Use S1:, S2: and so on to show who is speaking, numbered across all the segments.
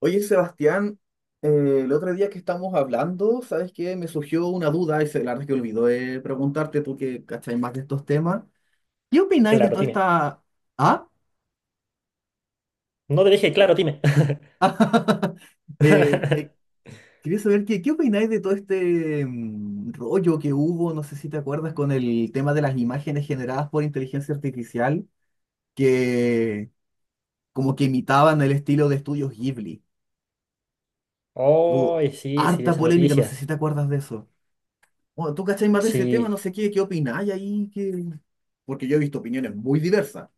S1: Oye, Sebastián, el otro día que estamos hablando, ¿sabes qué? Me surgió una duda y se, la verdad es que olvidó preguntarte, tú que cacháis más de estos temas. ¿Qué opináis de
S2: Claro,
S1: toda
S2: dime.
S1: esta... ¿Ah?
S2: No te dije, claro, dime.
S1: Eh, eh, quería saber qué opináis de todo este rollo que hubo, no sé si te acuerdas, con el tema de las imágenes generadas por inteligencia artificial que como que imitaban el estilo de estudios Ghibli. Hubo
S2: Oh, sí, sí, vi
S1: harta
S2: esa
S1: polémica, no sé
S2: noticia.
S1: si te acuerdas de eso. Bueno, tú cachai más de ese tema,
S2: Sí,
S1: no sé qué opináis ahí, que... porque yo he visto opiniones muy diversas.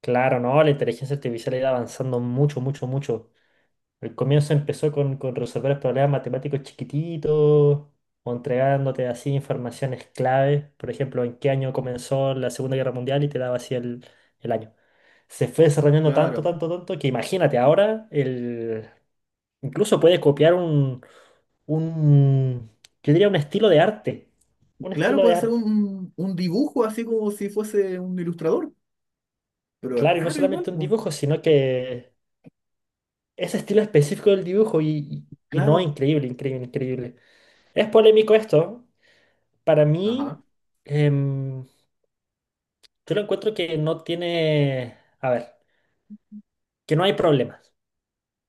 S2: claro, no, la inteligencia artificial ha ido avanzando mucho, mucho, mucho. El comienzo empezó con resolver problemas matemáticos chiquititos, o entregándote así informaciones clave. Por ejemplo, ¿en qué año comenzó la Segunda Guerra Mundial? Y te daba así el año. Se fue desarrollando tanto,
S1: Claro,
S2: tanto, tanto, que imagínate ahora incluso puede copiar un, yo diría un estilo de arte. Un
S1: claro,
S2: estilo de
S1: puede ser
S2: arte.
S1: un dibujo así como si fuese un ilustrador, pero es
S2: Claro, y no
S1: raro igual,
S2: solamente un
S1: pues.
S2: dibujo, sino que ese estilo específico del dibujo y no,
S1: Claro,
S2: increíble, increíble, increíble. Es polémico esto. Para
S1: ajá,
S2: mí, em, yo lo encuentro que no tiene, a ver, que no hay problemas,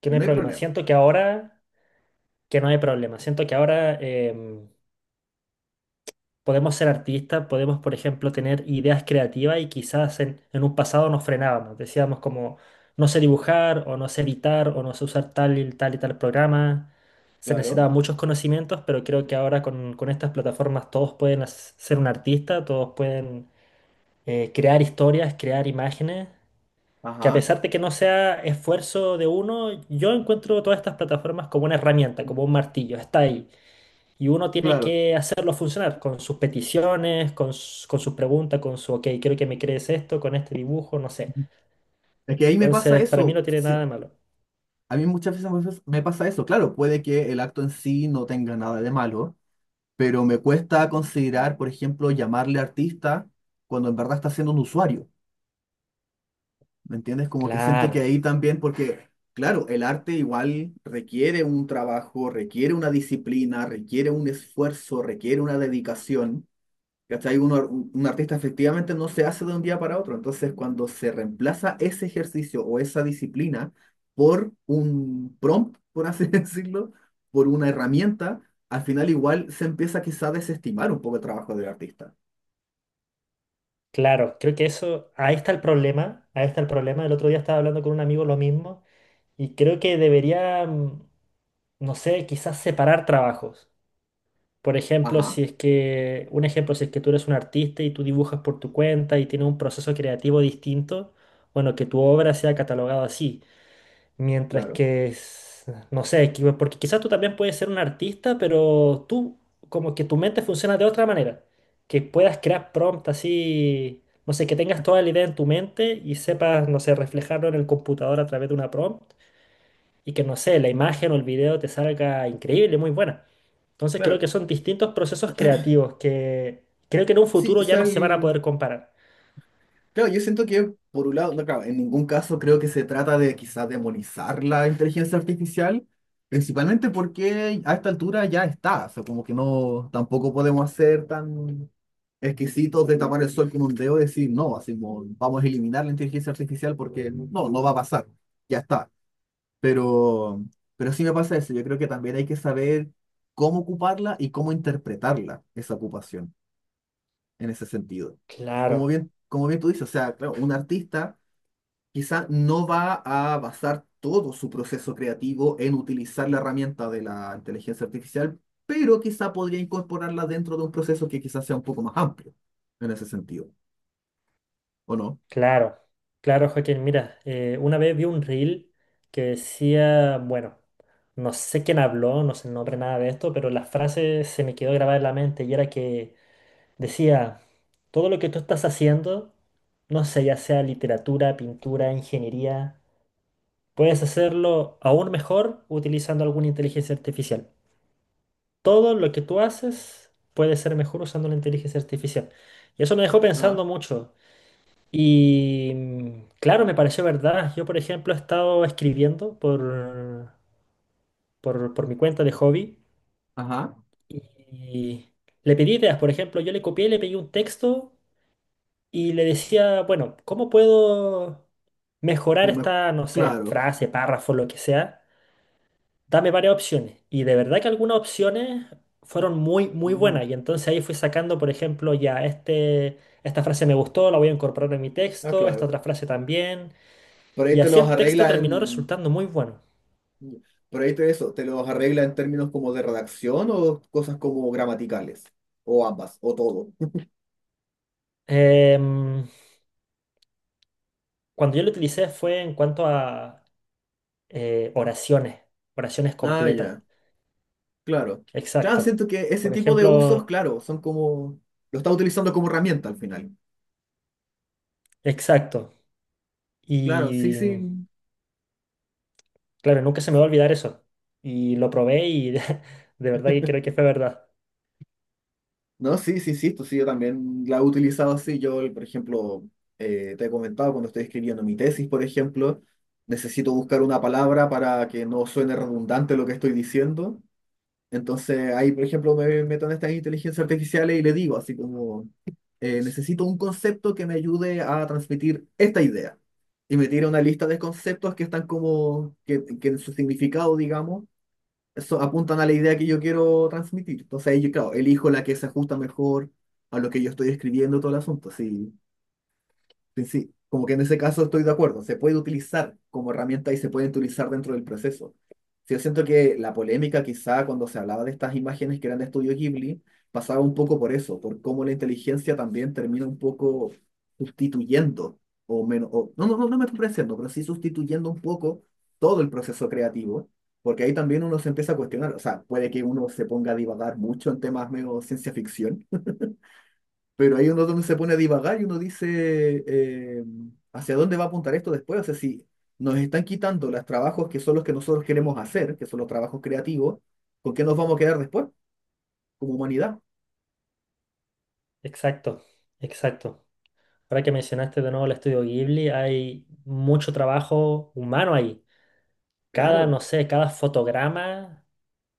S2: que
S1: y
S2: no hay
S1: no hay
S2: problemas.
S1: problema.
S2: Siento que ahora, que no hay problemas. Siento que ahora... podemos ser artistas, podemos, por ejemplo, tener ideas creativas y quizás en un pasado nos frenábamos, decíamos como no sé dibujar o no sé editar o no sé usar tal y tal y tal programa. Se
S1: Claro,
S2: necesitaban muchos conocimientos, pero creo que ahora con estas plataformas todos pueden ser un artista, todos pueden crear historias, crear imágenes, que a
S1: ajá,
S2: pesar de que no sea esfuerzo de uno, yo encuentro todas estas plataformas como una herramienta, como un martillo, está ahí. Y uno tiene
S1: claro.
S2: que hacerlo funcionar con sus peticiones, con sus preguntas, con su, ok, quiero que me crees esto, con este dibujo, no sé.
S1: Es que ahí me pasa
S2: Entonces, para mí
S1: eso.
S2: no tiene nada
S1: Se-
S2: de malo.
S1: a mí muchas veces me pas- me pasa eso. Claro, puede que el acto en sí no tenga nada de malo, pero me cuesta considerar, por ejemplo, llamarle artista cuando en verdad está siendo un usuario. ¿Me entiendes? Como que siento
S2: Claro,
S1: que ahí también, porque, claro, el arte igual requiere un trabajo, requiere una disciplina, requiere un esfuerzo, requiere una dedicación. ¿Cachai? Un, ar- un artista efectivamente no se hace de un día para otro. Entonces, cuando se reemplaza ese ejercicio o esa disciplina por un prompt, por así decirlo, por una herramienta, al final igual se empieza quizá a desestimar un poco el trabajo del artista.
S2: claro, creo que eso, ahí está el problema, ahí está el problema. El otro día estaba hablando con un amigo lo mismo y creo que debería, no sé, quizás separar trabajos. Por ejemplo,
S1: Ajá,
S2: si es que, un ejemplo, si es que tú eres un artista y tú dibujas por tu cuenta y tienes un proceso creativo distinto, bueno, que tu obra sea catalogada así. Mientras
S1: claro,
S2: que, no sé, porque quizás tú también puedes ser un artista, pero tú, como que tu mente funciona de otra manera. Que puedas crear prompt así, no sé, que tengas toda la idea en tu mente y sepas, no sé, reflejarlo en el computador a través de una prompt y que, no sé, la imagen o el video te salga increíble, muy buena. Entonces creo
S1: claro.
S2: que son distintos procesos creativos que creo que en un
S1: Sí,
S2: futuro
S1: o
S2: ya
S1: sea,
S2: no se van a
S1: el-
S2: poder comparar.
S1: claro, yo siento que, por un lado, no, claro, en ningún caso creo que se trata de quizás demonizar la inteligencia artificial, principalmente porque a esta altura ya está, o sea, como que no, tampoco podemos ser tan exquisitos de tapar el sol con un dedo y decir, no, así como, vamos a eliminar la inteligencia artificial porque no, no va a pasar, ya está. Pero, pero sí me pasa eso, yo creo que también hay que saber cómo ocuparla y cómo interpretarla, esa ocupación en ese sentido.
S2: Claro.
S1: Como bien tú dices, o sea, claro, un artista quizá no va a basar todo su proceso creativo en utilizar la herramienta de la inteligencia artificial, pero quizá podría incorporarla dentro de un proceso que quizás sea un poco más amplio en ese sentido, ¿o no?
S2: Claro, claro, Joaquín. Mira, una vez vi un reel que decía, bueno, no sé quién habló, no sé el nombre, nada de esto, pero la frase se me quedó grabada en la mente y era que decía, todo lo que tú estás haciendo, no sé, ya sea literatura, pintura, ingeniería, puedes hacerlo aún mejor utilizando alguna inteligencia artificial. Todo lo que tú haces puede ser mejor usando la inteligencia artificial. Y eso me dejó
S1: Ajá.
S2: pensando mucho. Y claro, me pareció verdad. Yo, por ejemplo, he estado escribiendo por mi cuenta de hobby
S1: Ajá,
S2: y le pedí ideas. Por ejemplo, yo le copié, le pedí un texto y le decía, bueno, ¿cómo puedo mejorar
S1: o mejor,
S2: esta, no sé,
S1: claro.
S2: frase, párrafo, lo que sea? Dame varias opciones. Y de verdad que algunas opciones fueron muy, muy
S1: Mm,
S2: buenas. Y entonces ahí fui sacando, por ejemplo, ya este, esta frase me gustó, la voy a incorporar en mi
S1: ah,
S2: texto, esta
S1: claro.
S2: otra frase también.
S1: Por ahí
S2: Y
S1: te
S2: así
S1: los
S2: el texto
S1: arregla
S2: terminó
S1: en,
S2: resultando muy bueno.
S1: por ahí te eso, te los arregla en términos como de redacción o cosas como gramaticales, o ambas, o todo.
S2: Em, cuando yo lo utilicé fue en cuanto a oraciones, oraciones
S1: Ah,
S2: completas.
S1: ya. Claro. Claro,
S2: Exacto.
S1: siento que ese
S2: Por
S1: tipo de usos,
S2: ejemplo,
S1: claro, son como... Lo está utilizando como herramienta al final.
S2: exacto.
S1: Claro, sí,
S2: Y
S1: sí.
S2: claro, nunca se me va a olvidar eso. Y lo probé y de, verdad que creo que fue verdad.
S1: No, sí, sí, sí, esto sí, yo también la he utilizado así. Yo, por ejemplo, te he comentado cuando estoy escribiendo mi tesis, por ejemplo, necesito buscar una palabra para que no suene redundante lo que estoy diciendo. Entonces ahí, por ejemplo, me meto en estas inteligencias artificiales y le digo así como, necesito un concepto que me ayude a transmitir esta idea. Y me tira una lista de conceptos que están como, que en su significado, digamos, eso, apuntan a la idea que yo quiero transmitir. Entonces ahí yo, claro, elijo la que se ajusta mejor a lo que yo estoy escribiendo, todo el asunto. Sí, sí, sí, como que en ese caso estoy de acuerdo, se puede utilizar como herramienta y se puede utilizar dentro del proceso. Sí, yo siento que la polémica quizá cuando se hablaba de estas imágenes que eran de estudio Ghibli pasaba un poco por eso, por cómo la inteligencia también termina un poco sustituyendo, o menos, o- no, no, no, no me estoy pareciendo, pero sí sustituyendo un poco todo el proceso creativo, porque ahí también uno se empieza a cuestionar, o sea, puede que uno se ponga a divagar mucho en temas medio ciencia ficción, pero ahí uno es donde se pone a divagar y uno dice, ¿hacia dónde va a apuntar esto después? O sea, si nos están quitando los trabajos que son los que nosotros queremos hacer, que son los trabajos creativos, ¿con qué nos vamos a quedar después como humanidad?
S2: Exacto, exacto. Ahora que mencionaste de nuevo el estudio Ghibli, hay mucho trabajo humano ahí. Cada,
S1: Claro,
S2: no sé, cada fotograma.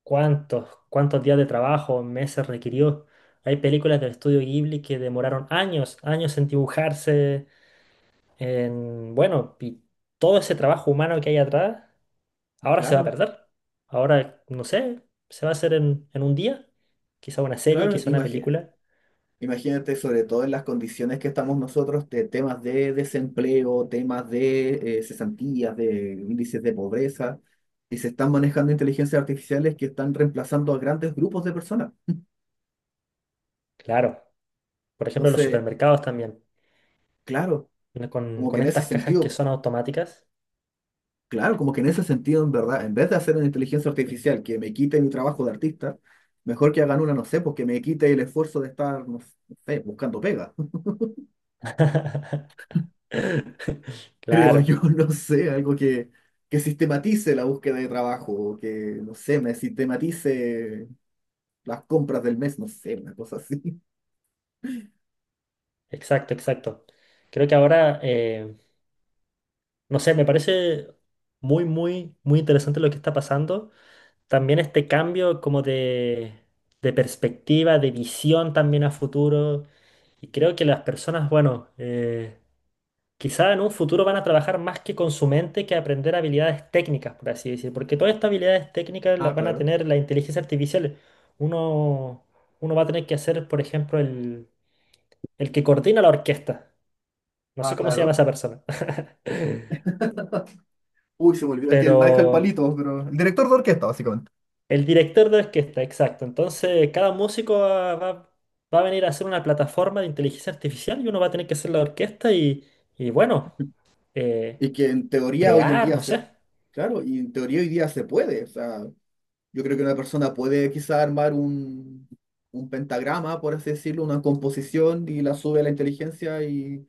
S2: Cuántos, cuántos días de trabajo, meses requirió. Hay películas del estudio Ghibli que demoraron años, años en dibujarse, en, bueno, y todo ese trabajo humano que hay atrás, ahora se va a
S1: claro,
S2: perder. Ahora, no sé, se va a hacer en un día, quizá una serie,
S1: claro,
S2: quizá una
S1: imagínate.
S2: película.
S1: Imagínate sobre todo en las condiciones que estamos nosotros de temas de desempleo, temas de cesantías, de índices de pobreza, y se están manejando inteligencias artificiales que están reemplazando a grandes grupos de personas.
S2: Claro, por ejemplo, los
S1: Entonces,
S2: supermercados también,
S1: claro.
S2: vienen
S1: Como que
S2: con
S1: en ese
S2: estas cajas que
S1: sentido,
S2: son automáticas.
S1: claro, como que en ese sentido, en verdad, en vez de hacer una inteligencia artificial que me quite mi trabajo de artista, mejor que hagan una, no sé, porque me quite el esfuerzo de estar, no sé, buscando pega. Creo
S2: Claro,
S1: yo, no sé, algo que sistematice la búsqueda de trabajo, o que, no sé, me sistematice las compras del mes, no sé, una cosa así.
S2: exacto, exacto. Creo que ahora no sé, me parece muy, muy, muy interesante lo que está pasando. También este cambio como de perspectiva, de visión también a futuro. Y creo que las personas, bueno, quizá en un futuro van a trabajar más que con su mente que aprender habilidades técnicas, por así decir. Porque todas estas habilidades técnicas
S1: Ah,
S2: las van a
S1: claro.
S2: tener la inteligencia artificial. Uno, uno va a tener que hacer, por ejemplo, el que coordina la orquesta. No sé
S1: Ah,
S2: cómo se llama
S1: claro.
S2: esa persona.
S1: Uy, se me olvidó el que
S2: Pero...
S1: maneja el palito, pero el director de orquesta, básicamente.
S2: El director de orquesta, exacto. Entonces, cada músico va a venir a hacer una plataforma de inteligencia artificial y uno va a tener que hacer la orquesta y bueno, eh,
S1: Y que en teoría hoy en
S2: crear,
S1: día
S2: no
S1: se...
S2: sé.
S1: Claro, y en teoría hoy día se puede, o sea, yo creo que una persona puede quizá armar un pentagrama, por así decirlo, una composición y la sube a la inteligencia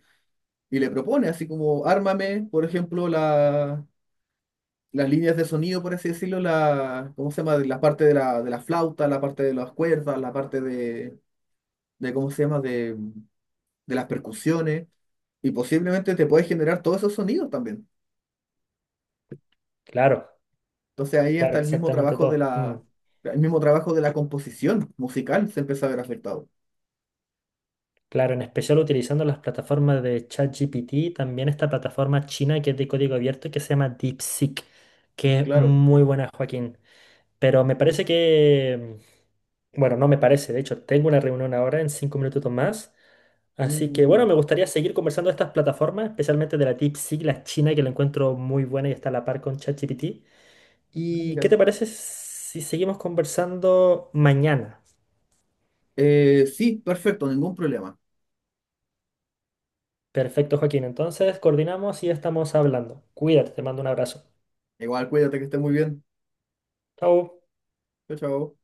S1: y le propone, así como, ármame, por ejemplo, la, las líneas de sonido, por así decirlo, la, ¿cómo se llama? La parte de de la flauta, la parte de las cuerdas, la parte de ¿cómo se llama? De las percusiones y posiblemente te puede generar todos esos sonidos también.
S2: Claro,
S1: Entonces ahí
S2: claro,
S1: hasta el mismo
S2: exactamente
S1: trabajo de
S2: todo.
S1: la, el mismo trabajo de la composición musical se empieza a ver afectado.
S2: Claro, en especial utilizando las plataformas de ChatGPT, también esta plataforma china que es de código abierto que se llama DeepSeek, que es
S1: Claro.
S2: muy buena, Joaquín. Pero me parece que, bueno, no me parece, de hecho, tengo una reunión ahora en 5 minutos más. Así que bueno,
S1: Mm,
S2: me gustaría seguir conversando de estas plataformas, especialmente de la DeepSeek, la china, que la encuentro muy buena y está a la par con ChatGPT.
S1: ah,
S2: ¿Y qué
S1: mira.
S2: te parece si seguimos conversando mañana?
S1: Sí, perfecto, ningún problema.
S2: Perfecto, Joaquín. Entonces, coordinamos y estamos hablando. Cuídate, te mando un abrazo.
S1: Igual, cuídate que estés muy bien.
S2: Chao.
S1: Chao, chao.